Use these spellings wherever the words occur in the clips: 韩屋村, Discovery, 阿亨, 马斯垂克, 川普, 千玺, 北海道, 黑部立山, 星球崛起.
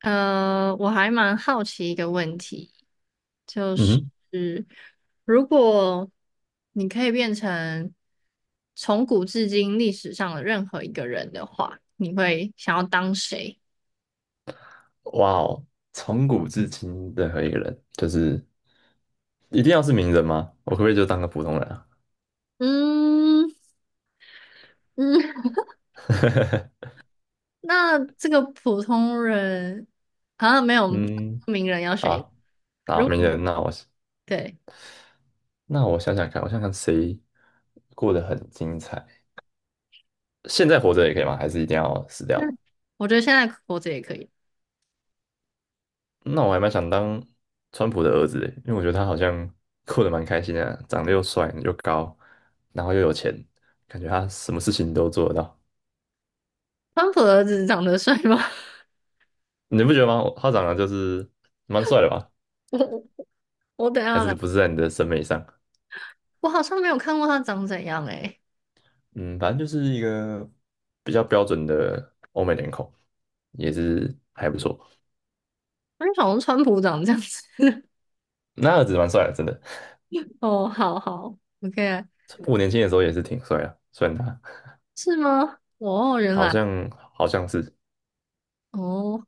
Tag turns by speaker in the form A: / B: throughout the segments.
A: 我还蛮好奇一个问题，就
B: 嗯
A: 是
B: 哼。
A: 如果你可以变成从古至今历史上的任何一个人的话，你会想要当谁？
B: 哇哦，从古至今任何一个人，就是一定要是名人吗？我可不可以就当个普通人啊？
A: 嗯嗯，那这个普通人好像没有
B: 嗯，
A: 名人要选一个
B: 好，好，
A: 如果
B: 名
A: 你
B: 人，那我
A: 对
B: 那我想想看，我想想谁过得很精彩，现在活着也可以吗？还是一定要死 掉？
A: 那我觉得现在活着也可以。
B: 那我还蛮想当川普的儿子的，因为我觉得他好像过得蛮开心的，长得又帅又高，然后又有钱，感觉他什么事情都做得到。
A: 川普的儿子长得帅吗？
B: 你不觉得吗？他长得就是蛮帅的吧？
A: 我我等一
B: 还
A: 下
B: 是
A: 来，
B: 不是在你的审美上？
A: 我好像没有看过他长怎样诶、
B: 嗯，反正就是一个比较标准的欧美脸孔，也是还不错。
A: 我就想说川普长这样子。
B: 那儿子蛮帅的，真的。
A: 哦，好好，OK，
B: 我年轻的时候也是挺帅的，虽然他
A: 是吗？哦，原
B: 好
A: 来
B: 像好像是，
A: 哦，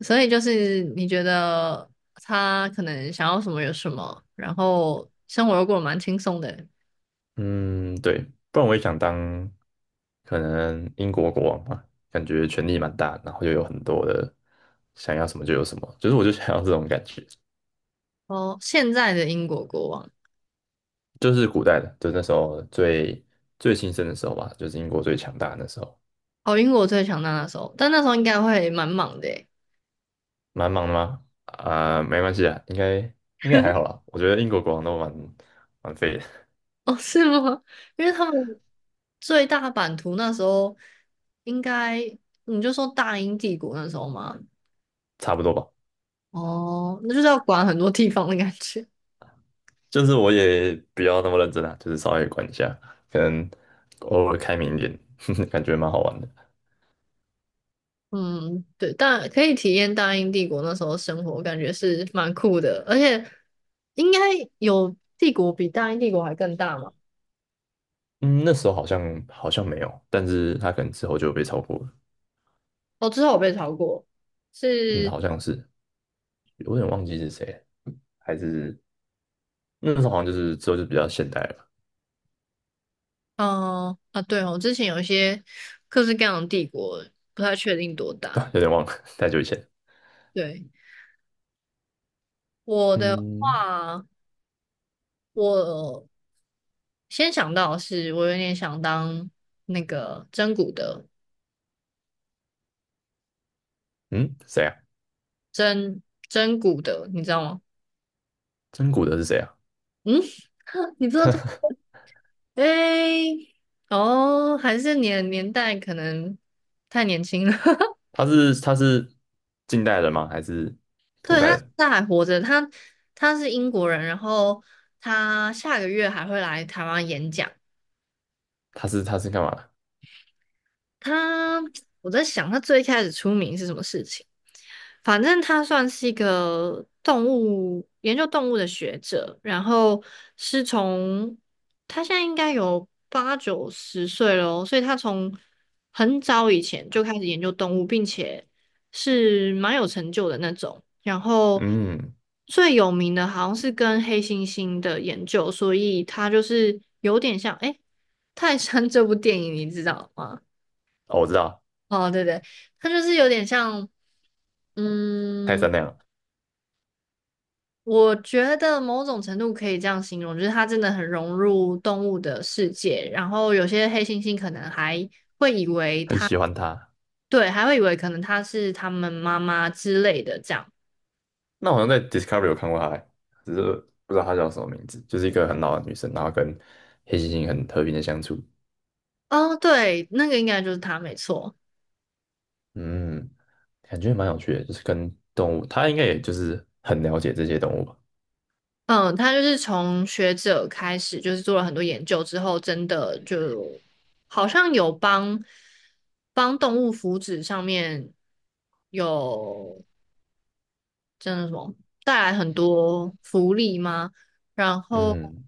A: 所以就是你觉得他可能想要什么有什么，然后生活又过得蛮轻松的。
B: 嗯，对，不然我也想当可能英国国王吧，感觉权力蛮大，然后又有很多的想要什么就有什么，就是我就想要这种感觉。
A: 哦，现在的英国国王，
B: 就是古代的，就是那时候最最兴盛的时候吧，就是英国最强大的那时候。
A: 哦，英国最强大那时候，但那时候应该会蛮忙的诶。
B: 蛮忙的吗？啊、没关系啊，应该还好啦。我觉得英国国王都蛮废的，
A: 哦，是吗？因为他们最大版图那时候应该你就说大英帝国那时候嘛，
B: 差不多吧。
A: 哦，那就是要管很多地方的感觉。
B: 就是我也比较那么认真啊，就是稍微管一下，可能偶尔开明一点，感觉蛮好玩的。
A: 嗯，对，但可以体验大英帝国那时候生活，感觉是蛮酷的，而且应该有帝国比大英帝国还更大嘛？
B: 嗯，那时候好像没有，但是他可能之后就被超过了。
A: 哦，之后我被超过，
B: 嗯，
A: 是，
B: 好像是，有点忘记是谁了，还是那时候好像就是之后就比较现代了
A: 嗯、啊，对哦，之前有一些各式各样的帝国，不太确定多
B: 吧。
A: 大。
B: 对，有点忘了，太久以前。
A: 对，我的
B: 嗯
A: 话，我先想到的是我有点想当那个真古的
B: 嗯，谁啊？
A: 真真古的，你知道吗？
B: 真古德是谁啊？
A: 嗯，你知道这？诶，哦，还是年年代可能太年轻了。
B: 他是近代人吗？还是古
A: 对，
B: 代
A: 他
B: 人？
A: 他还活着，他他是英国人，然后他下个月还会来台湾演讲。
B: 他是干嘛的？
A: 他，我在想他最开始出名是什么事情？反正他算是一个动物研究动物的学者，然后是从他现在应该有八九十岁了哦，所以他从很早以前就开始研究动物，并且是蛮有成就的那种。然后
B: 嗯，
A: 最有名的好像是跟黑猩猩的研究，所以他就是有点像，诶，泰山这部电影你知道吗？
B: 哦，我知道，
A: 哦，对对，他就是有点像，
B: 泰
A: 嗯，
B: 山那样，
A: 我觉得某种程度可以这样形容，就是他真的很融入动物的世界。然后有些黑猩猩可能还
B: 很喜欢他。
A: 对，还会以为可能它是他们妈妈之类的这样。
B: 那我好像在 Discovery 有看过他欸，只是不知道他叫什么名字，就是一个很老的女生，然后跟黑猩猩很和平的相处。
A: 哦，对，那个应该就是它，没错。
B: 嗯，感觉蛮有趣的，就是跟动物，他应该也就是很了解这些动物吧。
A: 嗯，他就是从学者开始，就是做了很多研究之后，真的就好像有帮帮动物福祉上面有。真的什么带来很多福利吗？然后
B: 嗯。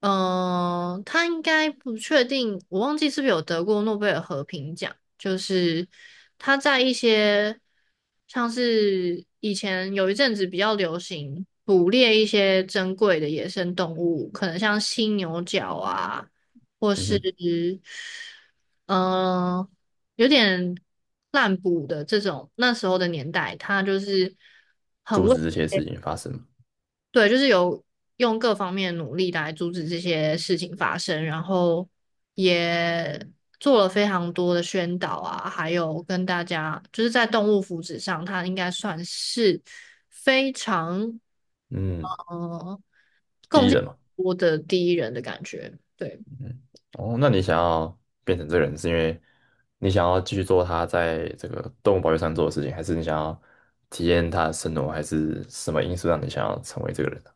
A: 嗯，他应该不确定，我忘记是不是有得过诺贝尔和平奖。就是他在一些像是以前有一阵子比较流行捕猎一些珍贵的野生动物，可能像犀牛角啊，或
B: 嗯
A: 是
B: 哼。
A: 嗯、有点滥捕的这种，那时候的年代，他就是很
B: 阻
A: 为。
B: 止这些事情发生嘛。
A: 对，就是有用各方面努力来阻止这些事情发生，然后也做了非常多的宣导啊，还有跟大家就是在动物福祉上，他应该算是非常
B: 嗯，
A: 呃
B: 第
A: 贡
B: 一
A: 献
B: 人嘛。
A: 多的第一人的感觉。对。
B: 嗯，哦，那你想要变成这个人，是因为你想要继续做他在这个动物保育上做的事情，还是你想要体验他的生活，还是什么因素让你想要成为这个人呢？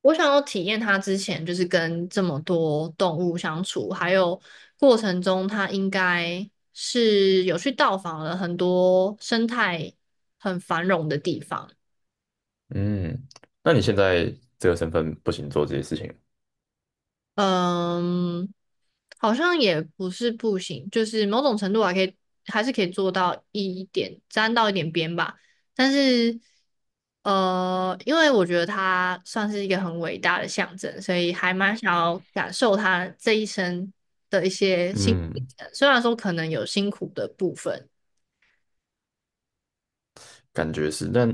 A: 我想要体验它之前就是跟这么多动物相处，还有过程中它应该是有去到访了很多生态很繁荣的地方。
B: 嗯，那你现在这个身份不行做这些事情。
A: 嗯，好像也不是不行，就是某种程度还可以，还是可以做到一点，沾到一点边吧。但是，因为我觉得他算是一个很伟大的象征，所以还蛮想要感受他这一生的一些辛苦历
B: 嗯，
A: 程虽然说可能有辛苦的部分。
B: 感觉是，但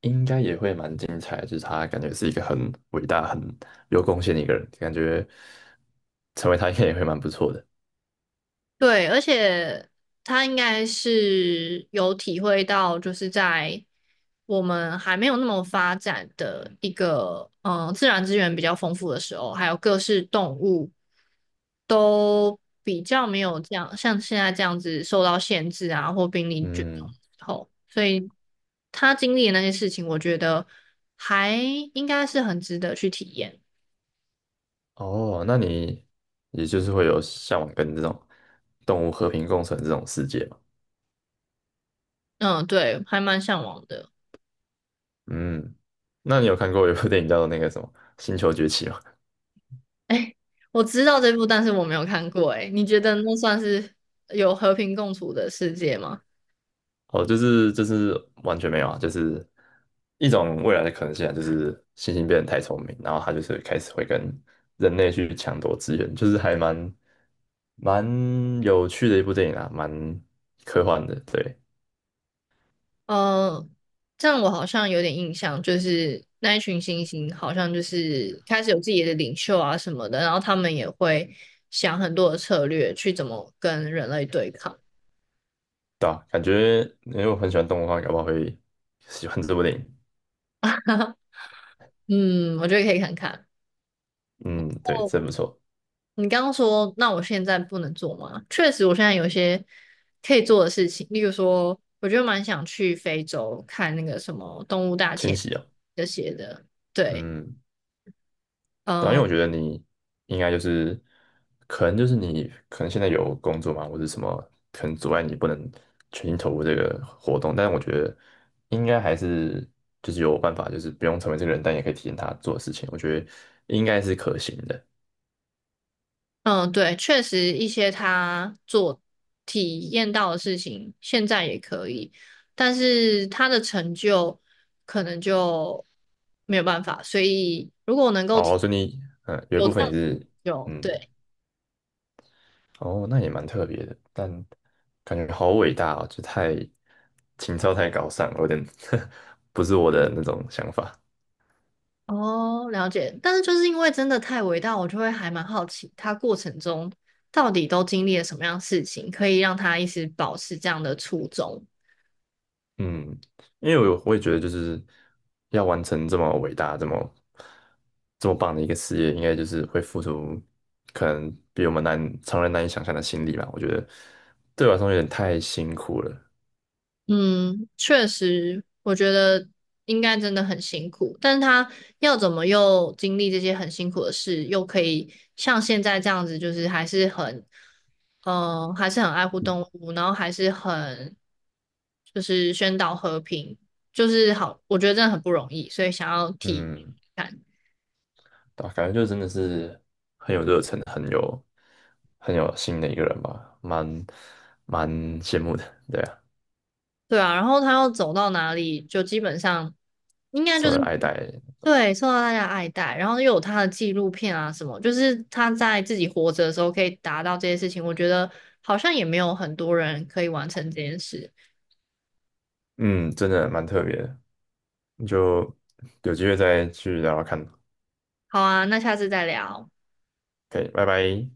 B: 应该也会蛮精彩的，就是他感觉是一个很伟大、很有贡献的一个人，感觉成为他应该也会蛮不错的。
A: 对，而且他应该是有体会到，就是在我们还没有那么发展的一个，嗯、自然资源比较丰富的时候，还有各式动物都比较没有这样，像现在这样子受到限制啊，或濒临绝种
B: 嗯，
A: 之后，所以他经历的那些事情，我觉得还应该是很值得去体验。
B: 哦，那你也就是会有向往跟这种动物和平共存这种世界嘛？
A: 嗯，对，还蛮向往的。
B: 嗯，那你有看过有部电影叫做那个什么《星球崛起》吗？
A: 哎，我知道这部，但是我没有看过。哎，你觉得那算是有和平共处的世界吗？
B: 哦，就是完全没有啊，就是一种未来的可能性啊，就是猩猩变得太聪明，然后它就是开始会跟人类去抢夺资源，就是还蛮有趣的一部电影啊，蛮科幻的，对。
A: 呃，这样我好像有点印象，就是那一群猩猩好像就是开始有自己的领袖啊什么的，然后他们也会想很多的策略去怎么跟人类对抗。
B: 对啊，感觉因为我很喜欢动物的话，搞不好会喜欢这部电影。
A: 嗯，我觉得可以看看。
B: 嗯，对，真不错，
A: 你刚刚说，那我现在不能做吗？确实，我现在有一些可以做的事情，例如说，我就蛮想去非洲看那个什么动物大
B: 千
A: 迁
B: 玺啊。
A: 这些的。对，
B: 嗯，对啊，因
A: 嗯
B: 为我觉得你应该就是，可能就是你可能现在有工作嘛，或者什么，可能阻碍你不能全心投入这个活动，但是我觉得应该还是就是有办法，就是不用成为这个人，但也可以体验他做的事情，我觉得应该是可行的。
A: 嗯，对，确实一些他做体验到的事情，现在也可以，但是他的成就可能就没有办法。所以，如果我能够体
B: 哦，所以你，嗯，有一
A: 有
B: 部
A: 这
B: 分
A: 样
B: 也
A: 子的成
B: 是。
A: 就，
B: 嗯，
A: 对。
B: 哦，那也蛮特别的，但感觉好伟大哦，就太情操太高尚了，有点 不是我的那种想法。
A: 哦，了解。但是就是因为真的太伟大，我就会还蛮好奇，他过程中到底都经历了什么样的事情，可以让他一直保持这样的初衷。
B: 嗯，因为我也觉得就是要完成这么伟大、这么棒的一个事业，应该就是会付出可能比我们难常人难以想象的心力吧。我觉得对我来说有点太辛苦了。
A: 嗯，确实，我觉得应该真的很辛苦，但是他要怎么又经历这些很辛苦的事，又可以像现在这样子，就是还是很，嗯，还是很爱护动物，然后还是很，就是宣导和平，就是好，我觉得真的很不容易，所以想要提。
B: 嗯，对吧？感觉就真的是很有热忱，很有心的一个人吧，蛮羡慕的，对啊，
A: 对啊，然后他要走到哪里，就基本上应该就
B: 受
A: 是
B: 人爱戴。
A: 对受到大家爱戴，然后又有他的纪录片啊什么，就是他在自己活着的时候可以达到这些事情，我觉得好像也没有很多人可以完成这件事。
B: 嗯，真的蛮特别的，你就有机会再去聊聊看
A: 好啊，那下次再聊。
B: ，OK,拜拜。